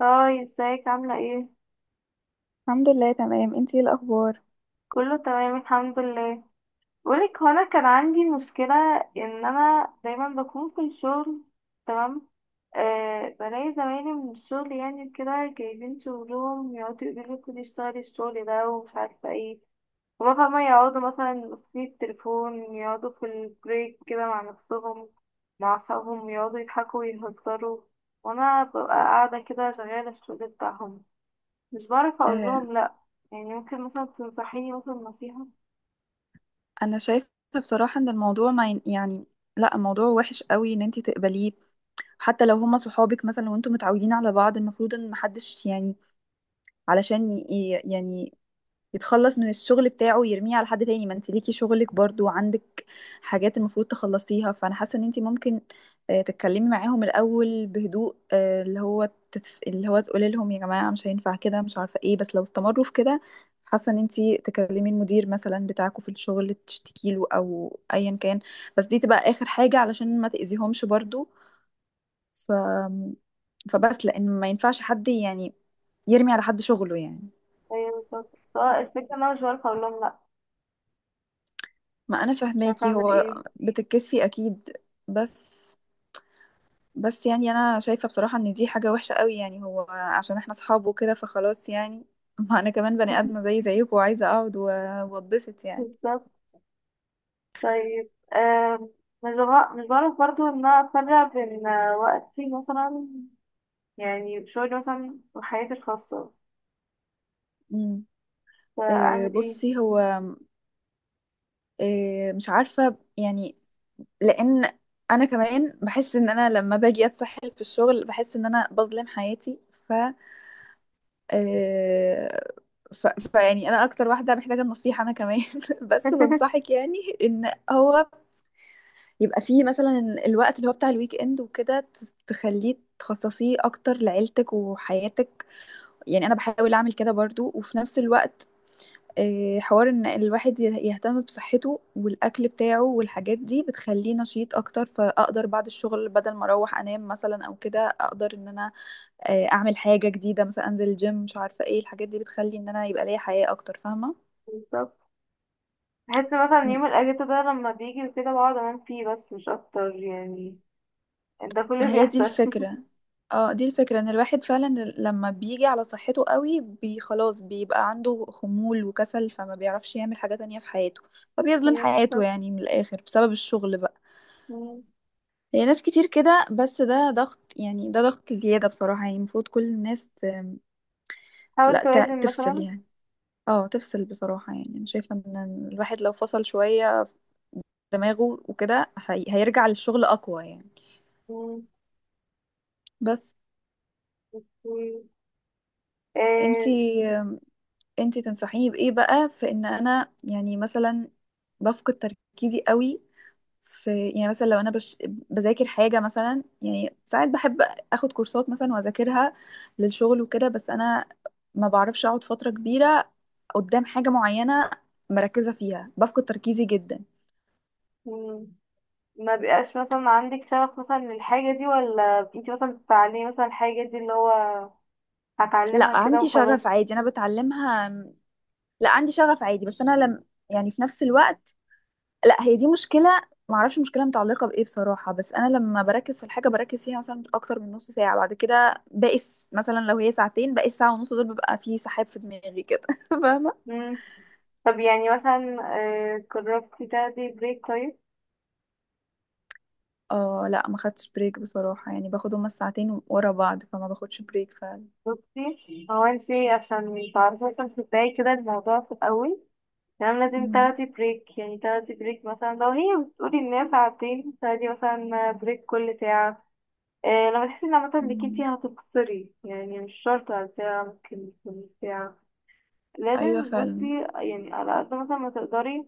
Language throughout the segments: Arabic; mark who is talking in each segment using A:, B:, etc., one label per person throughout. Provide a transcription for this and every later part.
A: هاي، ازيك؟ عاملة ايه؟
B: الحمد لله تمام، انتي ايه الاخبار؟
A: كله تمام الحمد لله. بقولك، هو انا كان عندي مشكلة ان انا دايما بكون في الشغل. تمام. أه، بلاقي زمايلي من الشغل يعني كده جايبين شغلهم يقعدوا يقولوا لي خدي اشتغلي الشغل ده ومش عارفة ايه. هما فاهمة يقعدوا مثلا ماسكين التليفون، يقعدوا في البريك كده مع نفسهم، مع صحابهم يقعدوا يضحكوا ويهزروا، وانا ببقى قاعدة كده شغالة الشغل بتاعهم. مش بعرف اقول
B: آه،
A: لهم لا. يعني ممكن مثلا تنصحيني مثلا نصيحة؟
B: انا شايفه بصراحه ان الموضوع ما ين- يعني، لا الموضوع وحش قوي ان انت تقبليه. حتى لو هما صحابك مثلا وانتم متعودين على بعض، المفروض ان محدش يعني يعني يتخلص من الشغل بتاعه يرميه على حد تاني. ما انت ليكي شغلك برضو، وعندك حاجات المفروض تخلصيها. فانا حاسه ان انت ممكن تتكلمي معاهم الاول بهدوء، اللي هو اللي هو تقولي لهم يا جماعه مش هينفع كده، مش عارفه ايه. بس لو استمروا في كده، حاسه ان انت تكلمي المدير مثلا بتاعكوا في الشغل تشتكي له او ايا كان. بس دي تبقى اخر حاجه علشان ما تاذيهمش برضو. ف... فبس، لان ما ينفعش حد يعني يرمي على حد شغله يعني.
A: ايوه بالظبط، بس هو الفكرة ان انا مش بعرف اقول لهم لا.
B: ما انا
A: مش عارفة
B: فهماكي،
A: اعمل
B: هو
A: ايه.
B: بتتكسفي اكيد. بس، بس يعني انا شايفه بصراحه ان دي حاجه وحشه قوي. يعني هو عشان احنا اصحاب وكده فخلاص يعني ما انا كمان بني ادمه زي زيكم، وعايزه اقعد واتبسط يعني.
A: بالظبط. طيب، مش بعرف برضو ان انا افرق بين وقتي مثلا، يعني شغلي مثلا، وحياتي الخاصة.
B: امم.
A: فاعمل ايه؟
B: بصي هو مش عارفه يعني. لان انا كمان بحس ان انا لما باجي اتسحل في الشغل بحس ان انا بظلم حياتي. آه، فيعني انا اكتر واحده محتاجه النصيحه، انا كمان بس بنصحك يعني، ان هو يبقى فيه مثلا الوقت اللي هو بتاع الويك اند وكده تخليه تخصصيه اكتر لعيلتك وحياتك. يعني انا بحاول اعمل كده برضو. وفي نفس الوقت حوار ان الواحد يهتم بصحته والاكل بتاعه والحاجات دي بتخليه نشيط اكتر. فاقدر بعد الشغل بدل ما اروح انام مثلا او كده، اقدر ان انا اعمل حاجه جديده مثلا، انزل الجيم، مش عارفه ايه. الحاجات دي بتخلي ان انا يبقى ليا حياه اكتر، فاهمه.
A: بالظبط. بحس مثلا
B: م-
A: يوم الاجازة ده لما بيجي وكده بقعد انام فيه، بس مش اكتر يعني. ده كل
B: ما
A: اللي
B: هي دي
A: بيحصل.
B: الفكره. اه دي الفكره ان الواحد فعلا لما بيجي على صحته قوي بي خلاص بيبقى عنده خمول وكسل، فما بيعرفش يعمل حاجه تانية في حياته. فبيظلم
A: ايوه
B: حياته
A: بالظبط.
B: يعني من الاخر، بسبب الشغل بقى.
A: مم.
B: هي ناس كتير كده، بس ده ضغط يعني، ده ضغط زياده بصراحه. يعني المفروض كل الناس
A: حاول
B: لا
A: توازن
B: تفصل
A: مثلا.
B: يعني. اه تفصل بصراحة. يعني أنا شايفة إن الواحد لو فصل شوية دماغه وكده هيرجع للشغل اقوى يعني. بس
A: مم. آه،
B: انتي انتي تنصحيني بايه بقى في ان انا يعني مثلا بفقد تركيزي قوي في؟ يعني مثلا لو انا بذاكر حاجه مثلا، يعني ساعات بحب اخد كورسات مثلا واذاكرها للشغل وكده، بس انا ما بعرفش اقعد فتره كبيره قدام حاجه معينه مركزه فيها، بفقد تركيزي جدا.
A: مم. ما بيبقاش مثلا عندك شغف مثلا للحاجة دي، ولا انتي مثلا بتتعلمي مثلا الحاجة دي اللي هو هتعلمها
B: لا
A: كده
B: عندي شغف
A: وخلاص؟
B: عادي، انا بتعلمها. لا عندي شغف عادي، بس انا لم يعني في نفس الوقت، لا هي دي مشكله. ما اعرفش مشكله متعلقه بايه بصراحه، بس انا لما بركز في الحاجه بركز فيها مثلا اكتر من نص ساعه، بعد كده باقي مثلا لو هي ساعتين، باقي الساعه ونص دول ببقى فيه سحاب في دماغي كده فاهمه.
A: مم. طب يعني مثلا، جربتي تاخدي بريك طيب؟
B: اه لا ما خدتش بريك بصراحه، يعني باخد هما الساعتين ورا بعض، فما باخدش بريك فعلا.
A: بصي، هو انتي عشان تعرفي مثلا تبداي كده الموضوع في الأول، تمام، لازم
B: امم.
A: تاخدي بريك. يعني تاخدي بريك مثلا لو هي بتقولي الناس ساعتين، تاخدي مثلا بريك كل ساعة. لما تحسي ان عامة انك انتي
B: امم.
A: هتقصري يعني، مش شرط على ساعة، ممكن تكون ساعة.
B: ايوه
A: لازم
B: فعلا.
A: بصي يعني على قد مثلا ما تقدري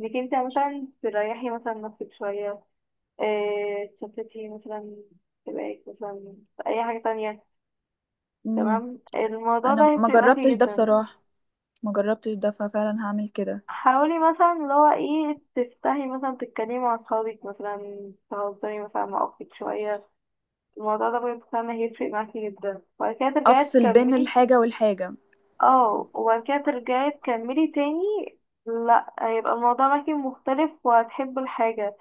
A: انك انت مثلا تريحي مثلا نفسك شوية، اه تشتتي مثلا، تبقى مثلا في اي حاجة تانية.
B: امم.
A: تمام. الموضوع ده
B: انا ما
A: هيفرق
B: جربتش
A: معاكي
B: ده
A: جدا.
B: بصراحه. ما جربتش ده ففعلا هعمل كده،
A: حاولي مثلا اللي هو ايه، تفتحي مثلا تتكلمي مع اصحابك، مثلا تهزري مثلا مع اختك شوية. الموضوع ده بجد فعلا هيفرق معاكي جدا، وبعد كده ترجعي
B: افصل بين
A: تكملي.
B: الحاجه والحاجه.
A: اه، وبعد كده ترجعي تكملي تاني. لا، هيبقى الموضوع معاكي مختلف وهتحبي الحاجة.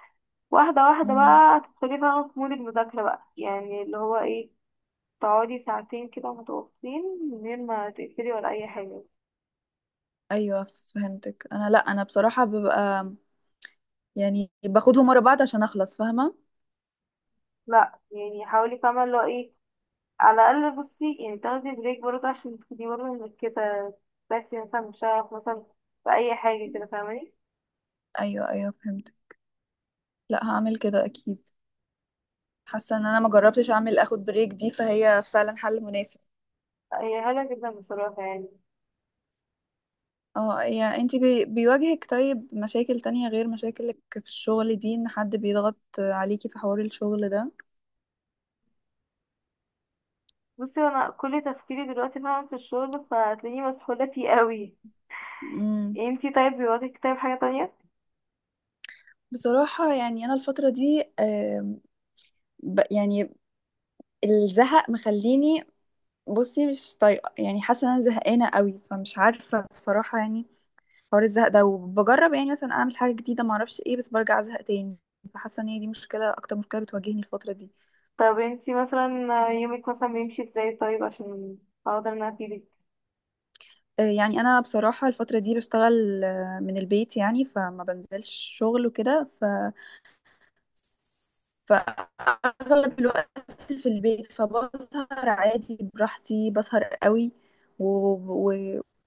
A: واحدة واحدة
B: امم.
A: بقى هتدخلي بقى في مود المذاكرة بقى، يعني اللي هو ايه، تقعدي ساعتين كده متواصلين من غير ما تقفلي ولا أي حاجة.
B: ايوه فهمتك. انا لا انا بصراحه ببقى يعني باخدهم ورا بعض عشان اخلص، فاهمه.
A: لا يعني حاولي، فاهمة اللي هو ايه. على الأقل بصي يعني تاخدي بريك برضه عشان تبقي برضه مركزة. تاخدي مثلا شغف مثلا في أي حاجة كده، فاهماني؟
B: ايوه ايوه فهمت. لا هعمل كده اكيد. حاسه ان انا ما جربتش اعمل اخد بريك دي، فهي فعلا حل مناسب.
A: هي حلوة جدا بصراحة يعني.
B: اه، يعني انتي بيواجهك طيب مشاكل تانية غير مشاكلك في الشغل دي، ان حد بيضغط عليكي في حوار الشغل ده؟
A: بصي، أنا كل تفكيري دلوقتي فعلا في الشغل، فهتلاقيني مسحولة فيه قوي.
B: امم.
A: انتي طيب بيواجهك طيب حاجة تانية؟
B: بصراحة يعني أنا الفترة دي يعني الزهق مخليني، بصي مش طايقة. يعني حاسة إن أنا زهقانة قوي، فمش عارفة بصراحة يعني. حوار الزهق ده، وبجرب يعني مثلا اعمل حاجه جديده ما اعرفش ايه، بس برجع ازهق تاني. فحاسه ان هي دي مشكله، اكتر مشكله بتواجهني الفتره دي.
A: طب انتي مثلا يومك مثلا بيمشي ازاي طيب، عشان اقدر ان انا افيدك.
B: يعني انا بصراحه الفتره دي بشتغل من البيت، يعني فما بنزلش شغل وكده. فأغلب الوقت في البيت، فبسهر عادي براحتي، بسهر قوي. و-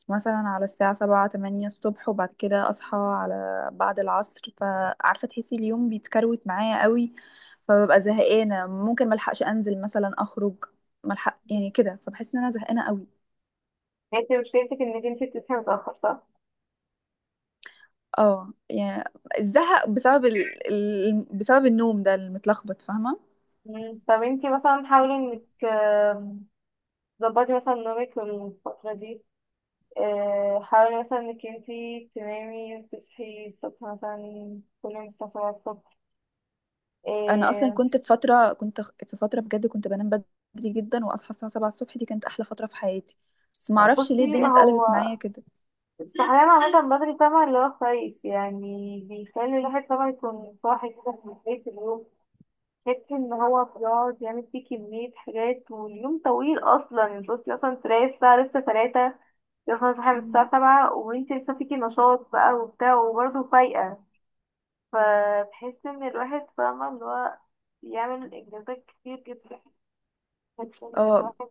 B: ومثلا على الساعة سبعة تمانية الصبح، وبعد كده أصحى على بعد العصر. فعارفة تحسي اليوم بيتكروت معايا قوي، فببقى زهقانة. ممكن ملحقش أنزل مثلا أخرج، ملحق يعني كده. فبحس إن أنا زهقانة قوي.
A: انتي مشكلتك انك انتي بتصحي متأخر، صح؟
B: اه يعني الزهق بسبب بسبب النوم ده المتلخبط، فاهمة.
A: مم. طب انتي مثلا حاولي انك تظبطي مثلا نومك الفترة دي. حاولي مثلا انك انتي تنامي وتصحي الصبح مثلا كل يوم الساعة 7 الصبح.
B: انا اصلا
A: آه،
B: كنت في فتره بجد كنت بنام بدري جدا واصحى الساعه 7 الصبح، دي كانت احلى فتره في حياتي. بس ما اعرفش ليه
A: بصي
B: الدنيا اتقلبت
A: هو،
B: معايا كده.
A: الصحيان عامة بدري طبعا اللي هو كويس، يعني بيخلي الواحد طبعا يكون صاحي كده في بداية اليوم. فكرة ان هو بيقعد يعمل فيه كمية حاجات واليوم طويل اصلا. انت بصي اصلا تلاقي الساعة لسه تلاتة، يخلص صاحي من الساعة
B: مم.
A: سبعة وانت لسه فيكي نشاط بقى وبتاع وبرضه فايقة. فبحس ان الواحد، فاهمة اللي هو، بيعمل انجازات كتير جدا. بحس ان
B: اه.
A: الواحد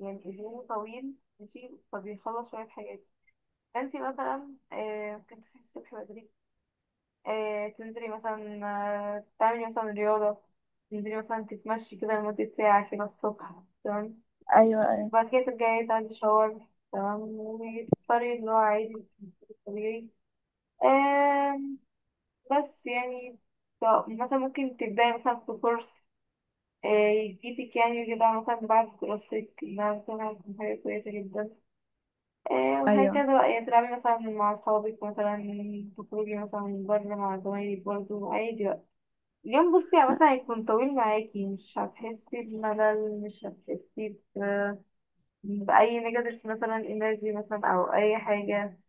A: يعني اليوم طويل، ماشي، فبيخلص شوية حاجات. انتي مثلا ممكن تصحي الصبح بدري، تنزلي مثلا، تعملي مثلا رياضة، تنزلي مثلا تتمشي كده لمدة ساعة كده الصبح، تمام،
B: ايوه ايوه
A: بعد كده ترجعي تاخدي شاور، تمام، وتفطري اللي هو عادي الطبيعي. آم، بس يعني طب مثلا ممكن تبدأي مثلا في كورس آه، يفيدك، يعني كده مثلا بعد دراستك إنها مثلا هتكون حاجة كويسة جدا.
B: ايوه.
A: وهكذا بقى، يعني تلعبي مثلا مع أصحابك، مثلا تخرجي مثلا بره مع زمايلك برضه عادي بقى. اليوم بصي عامة هيكون طويل معاكي، مش هتحسي بملل، مش هتحسي ب- بأي نيجاتيف مثلا انرجي مثلا أو أي حاجة.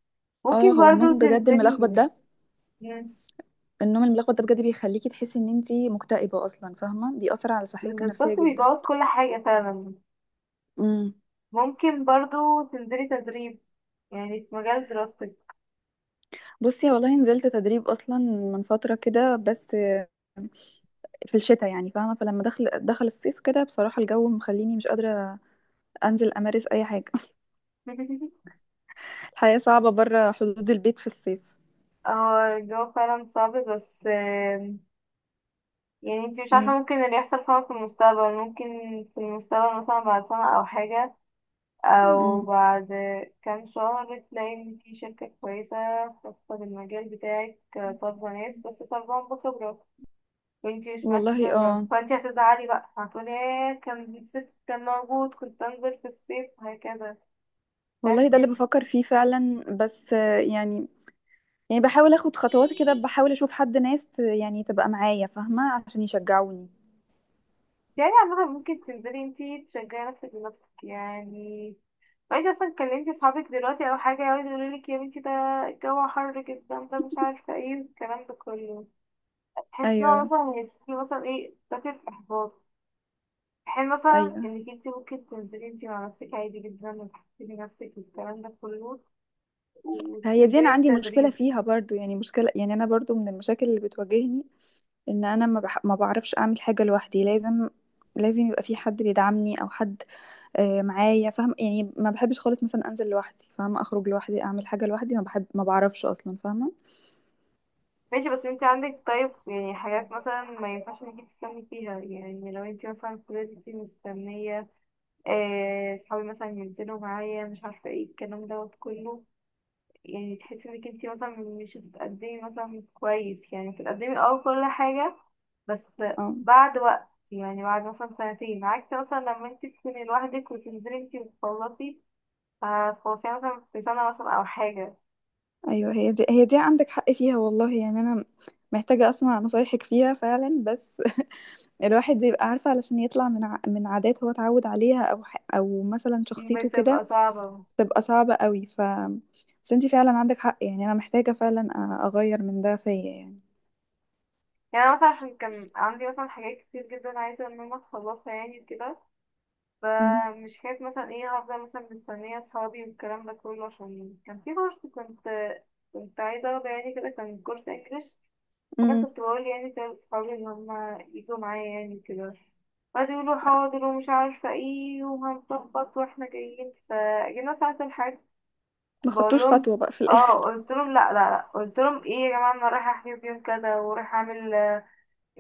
B: اه
A: ممكن
B: هو
A: برضو
B: النوم بجد الملخبط
A: تنزلي.
B: ده،
A: مم.
B: النوم الملخبط ده بجد بيخليكي تحسي ان انتي مكتئبه اصلا، فاهمه. بيأثر على صحتك النفسيه
A: بالظبط،
B: جدا.
A: بيبوظ كل حاجة فعلا.
B: امم.
A: ممكن برضو تنزلي تدريب يعني في مجال دراستك.
B: بصي والله نزلت تدريب اصلا من فتره كده، بس في الشتاء يعني فاهمه. فلما دخل الصيف كده بصراحه الجو مخليني مش قادره انزل امارس اي حاجه. الحياة صعبة بره حدود البيت في الصيف.
A: اه الجو فعلا صعب، بس يعني انتي مش
B: مم.
A: عارفة ممكن اللي يحصل فعلا في المستقبل. ممكن في المستقبل مثلا بعد سنة أو حاجة، او
B: مم.
A: بعد كام شهر، تلاقي ان في شركة كويسة خاصة بالمجال بتاعك، طالبة ناس بس طالبهم بخبرة، وانتي مش معاكي
B: والله
A: خبرة،
B: اه.
A: فانتي هتزعلي بقى، هتقولي ايه كان الصيف كان موجود كنت انزل في الصيف وهكذا.
B: والله ده اللي
A: فانتي
B: بفكر فيه فعلا، بس يعني يعني بحاول اخد خطوات كده، بحاول اشوف حد، ناس يعني تبقى معايا فاهمة عشان يشجعوني.
A: يعني عامة ممكن تنزلي انتي تشجعي نفسك بنفسك يعني. وانتي اصلا كلمتي صحابك دلوقتي او حاجة يقعدوا يقولولك يا بنتي ده الجو حر جدا ده مش عارفة ايه الكلام ده كله، تحس ان هو
B: ايوه
A: مثلا هيديكي مثلا ايه، دافع احباط، حين مثلا
B: ايوه.
A: انك انت ممكن تنزلي انت مع نفسك عادي جدا وتحسني نفسك والكلام ده كله،
B: هي دي
A: وتنزلي
B: انا عندي مشكلة
A: التدريب.
B: فيها برضو، يعني مشكلة يعني انا برضو من المشاكل اللي بتواجهني. ان انا ما بعرفش اعمل حاجة لوحدي. لازم يبقى في حد بيدعمني او حد معايا، فاهم يعني. ما بحبش خالص مثلا انزل لوحدي فاهمه، اخرج لوحدي، اعمل حاجه لوحدي، ما بحب، ما بعرفش اصلا، فاهمه.
A: ماشي، بس انت عندك طيب يعني حاجات مثلا ما ينفعش انك انت تستني فيها. يعني لو انت مثلا فضلتي انت مستنية صحابي مثلا ينزلوا معايا مش عارفة ايه الكلام دوت كله، يعني تحسي انك انتي مثلا مش بتقدمي مثلا كويس، يعني بتقدمي اه كل حاجة بس
B: اه
A: بعد وقت، يعني بعد مثلا سنتين، عكس مثلا لما انتي تكوني لوحدك وتنزلي انتي وتخلصي، تخلصيها مثلا في سنة مثلا أو حاجة.
B: ايوه. هي دي عندك حق فيها والله. يعني انا محتاجه اسمع نصايحك فيها فعلا بس الواحد بيبقى عارفه، علشان يطلع من عادات هو اتعود عليها او مثلا شخصيته كده،
A: بتبقى صعبة.
B: تبقى صعبه قوي ف، بس انتي فعلا عندك حق. يعني انا محتاجه فعلا اغير من ده فيا يعني.
A: يعني أنا مثلا عشان كان عندي مثلا حاجات كتير جدا عايزة إن أنا أخلصها يعني كده،
B: امم.
A: فمش حكاية مثلا ايه هفضل مثلا مستنية صحابي والكلام ده كله. عشان كان في كورس كنت كنت عايزة اخده، يعني كده كان كورس انجلش. انا
B: امم.
A: كنت بقول يعني كده لاصحابي ان هما يجوا معايا يعني كده، قعدوا يقولوا حاضر ومش عارفه ايه وهنظبط واحنا جايين، فجينا ساعه الحج
B: ما
A: بقول
B: خدتوش
A: لهم،
B: خطوه بقى في
A: اه
B: الاخر؟
A: قلت لهم لا لا لا، قلت لهم ايه يا جماعه انا رايحه احجز يوم كذا ورايحه اعمل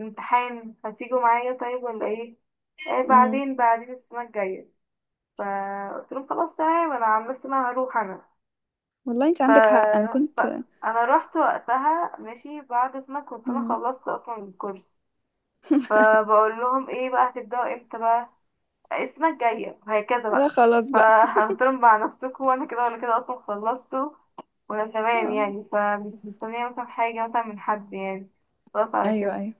A: امتحان، هتيجوا معايا طيب ولا ايه؟ ايه
B: امم.
A: بعدين، بعدين السنه الجايه. فقلت لهم خلاص تمام، انا عن نفسي انا هروح انا.
B: والله انت
A: ف...
B: عندك حق، انا
A: ف...
B: كنت.
A: انا رحت وقتها، ماشي، بعد سنه كنت انا
B: مم.
A: خلصت اصلا الكورس. فبقول لهم ايه بقى هتبداوا امتى بقى؟ السنه الجايه وهكذا
B: لا
A: بقى.
B: خلاص بقى.
A: فقلت لهم مع نفسكم، وانا كده ولا كده اصلا خلصته وانا تمام
B: آه.
A: يعني، فمش مستنيه مثلا حاجه مثلا من حد يعني. خلاص على
B: ايوه
A: كده.
B: ايوه.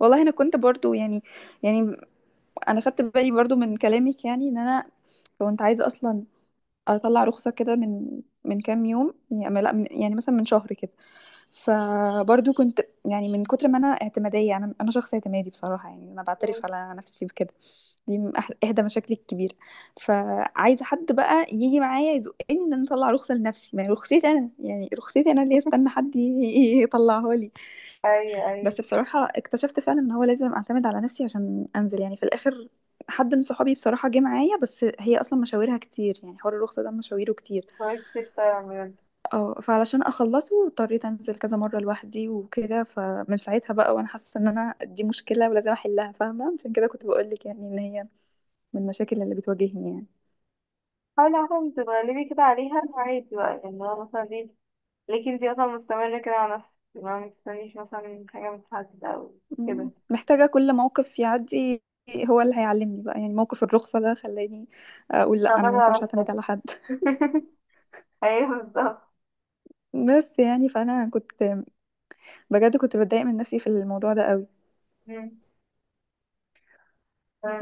B: والله انا كنت برضو يعني، يعني انا خدت بالي برضو من كلامك يعني، ان انا كنت عايزه اصلا اطلع رخصه كده من كام يوم، يعني لا من يعني مثلا من شهر كده. فبرضو كنت يعني من كتر ما انا اعتماديه، انا شخص اعتمادي بصراحه. يعني انا
A: مم.
B: بعترف على نفسي بكده. دي من احدى مشاكلي الكبيره. فعايزه حد بقى يجي معايا يزقني ان انا اطلع رخصه لنفسي، ما هي رخصتي انا يعني، رخصتي انا اللي استنى حد يطلعها لي.
A: ايوه ايوه.
B: بس بصراحة اكتشفت فعلا ان هو لازم اعتمد على نفسي عشان انزل يعني في الاخر. حد من صحابي بصراحة جه معايا، بس هي اصلا مشاويرها كتير، يعني حوار الرخصة ده مشاويره كتير.
A: كويس كتير فعلا بجد.
B: اه، فعلشان اخلصه اضطريت انزل كذا مرة لوحدي وكده. فمن ساعتها بقى وانا حاسة ان انا دي مشكلة ولازم احلها، فاهمة. عشان كده كنت بقولك يعني ان هي من المشاكل اللي بتواجهني يعني.
A: حاولي عشان تتغلبي كده عليها عادي بقى، يعني هو مثلا دي، لكن انتي مثلا مستمرة كده على نفسك، ما مستنيش مثلا حاجة من حد أو كده.
B: مم. محتاجة كل موقف يعدي هو اللي هيعلمني بقى. يعني موقف الرخصة ده خلاني اقول لا،
A: أنا
B: انا ما
A: فاكرة
B: ينفعش
A: على
B: اعتمد
A: نفسك.
B: على حد.
A: أيوه بالظبط.
B: بس يعني فانا كنت بجد كنت بتضايق من نفسي في الموضوع ده قوي.
A: مم.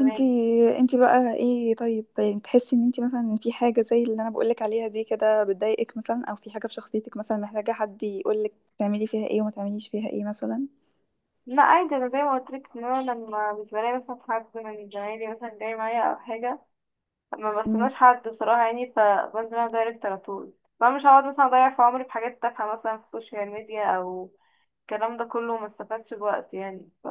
B: انتي انتي بقى ايه طيب؟ يعني تحسي ان انتي مثلا في حاجة زي اللي انا بقولك عليها دي كده بتضايقك مثلا، او في حاجة في شخصيتك مثلا محتاجة حد يقولك تعملي فيها ايه وما تعمليش فيها ايه مثلا؟
A: لا عادي، انا زي ما قلت لك، ان انا لما مش بلاقي مثلا حد من زمايلي مثلا جاي معايا او حاجه، ما
B: امم.
A: بستناش حد بصراحه يعني، فبنزل انا دايركت على طول. فانا مش هقعد مثلا اضيع في عمري في حاجات تافهه مثلا في السوشيال ميديا او الكلام ده كله، ما استفادش بوقت يعني.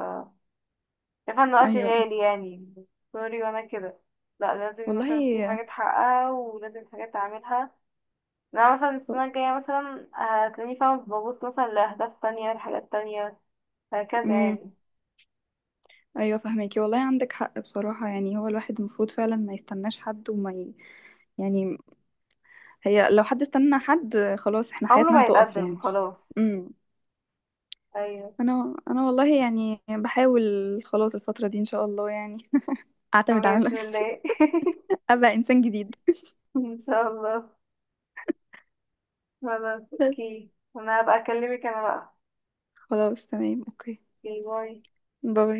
A: شايفه ان وقتي
B: ايوه
A: غالي يعني، سوري وانا كده. لا، لازم مثلا في
B: والله.
A: حاجات حقها ولازم حاجات اعملها. انا مثلا السنه الجايه مثلا هتلاقيني، فاهمه، ببص مثلا لاهداف تانية لحاجات تانية، هكذا
B: امم.
A: يعني.
B: ايوه فهميكي، والله عندك حق بصراحة. يعني هو الواحد المفروض فعلا ما يستناش حد يعني، هي لو حد استنى حد خلاص احنا
A: عمره
B: حياتنا
A: ما
B: هتقف
A: يتقدم
B: يعني.
A: خلاص.
B: امم.
A: ايوه.
B: انا والله يعني بحاول، خلاص الفترة دي ان شاء الله يعني اعتمد على
A: بإذن
B: نفسي،
A: الله.
B: ابقى انسان جديد.
A: ان شاء الله. خلاص
B: بس
A: اوكي، انا هبقى اكلمك انا بقى.
B: خلاص تمام، اوكي،
A: اوكي باي.
B: باي.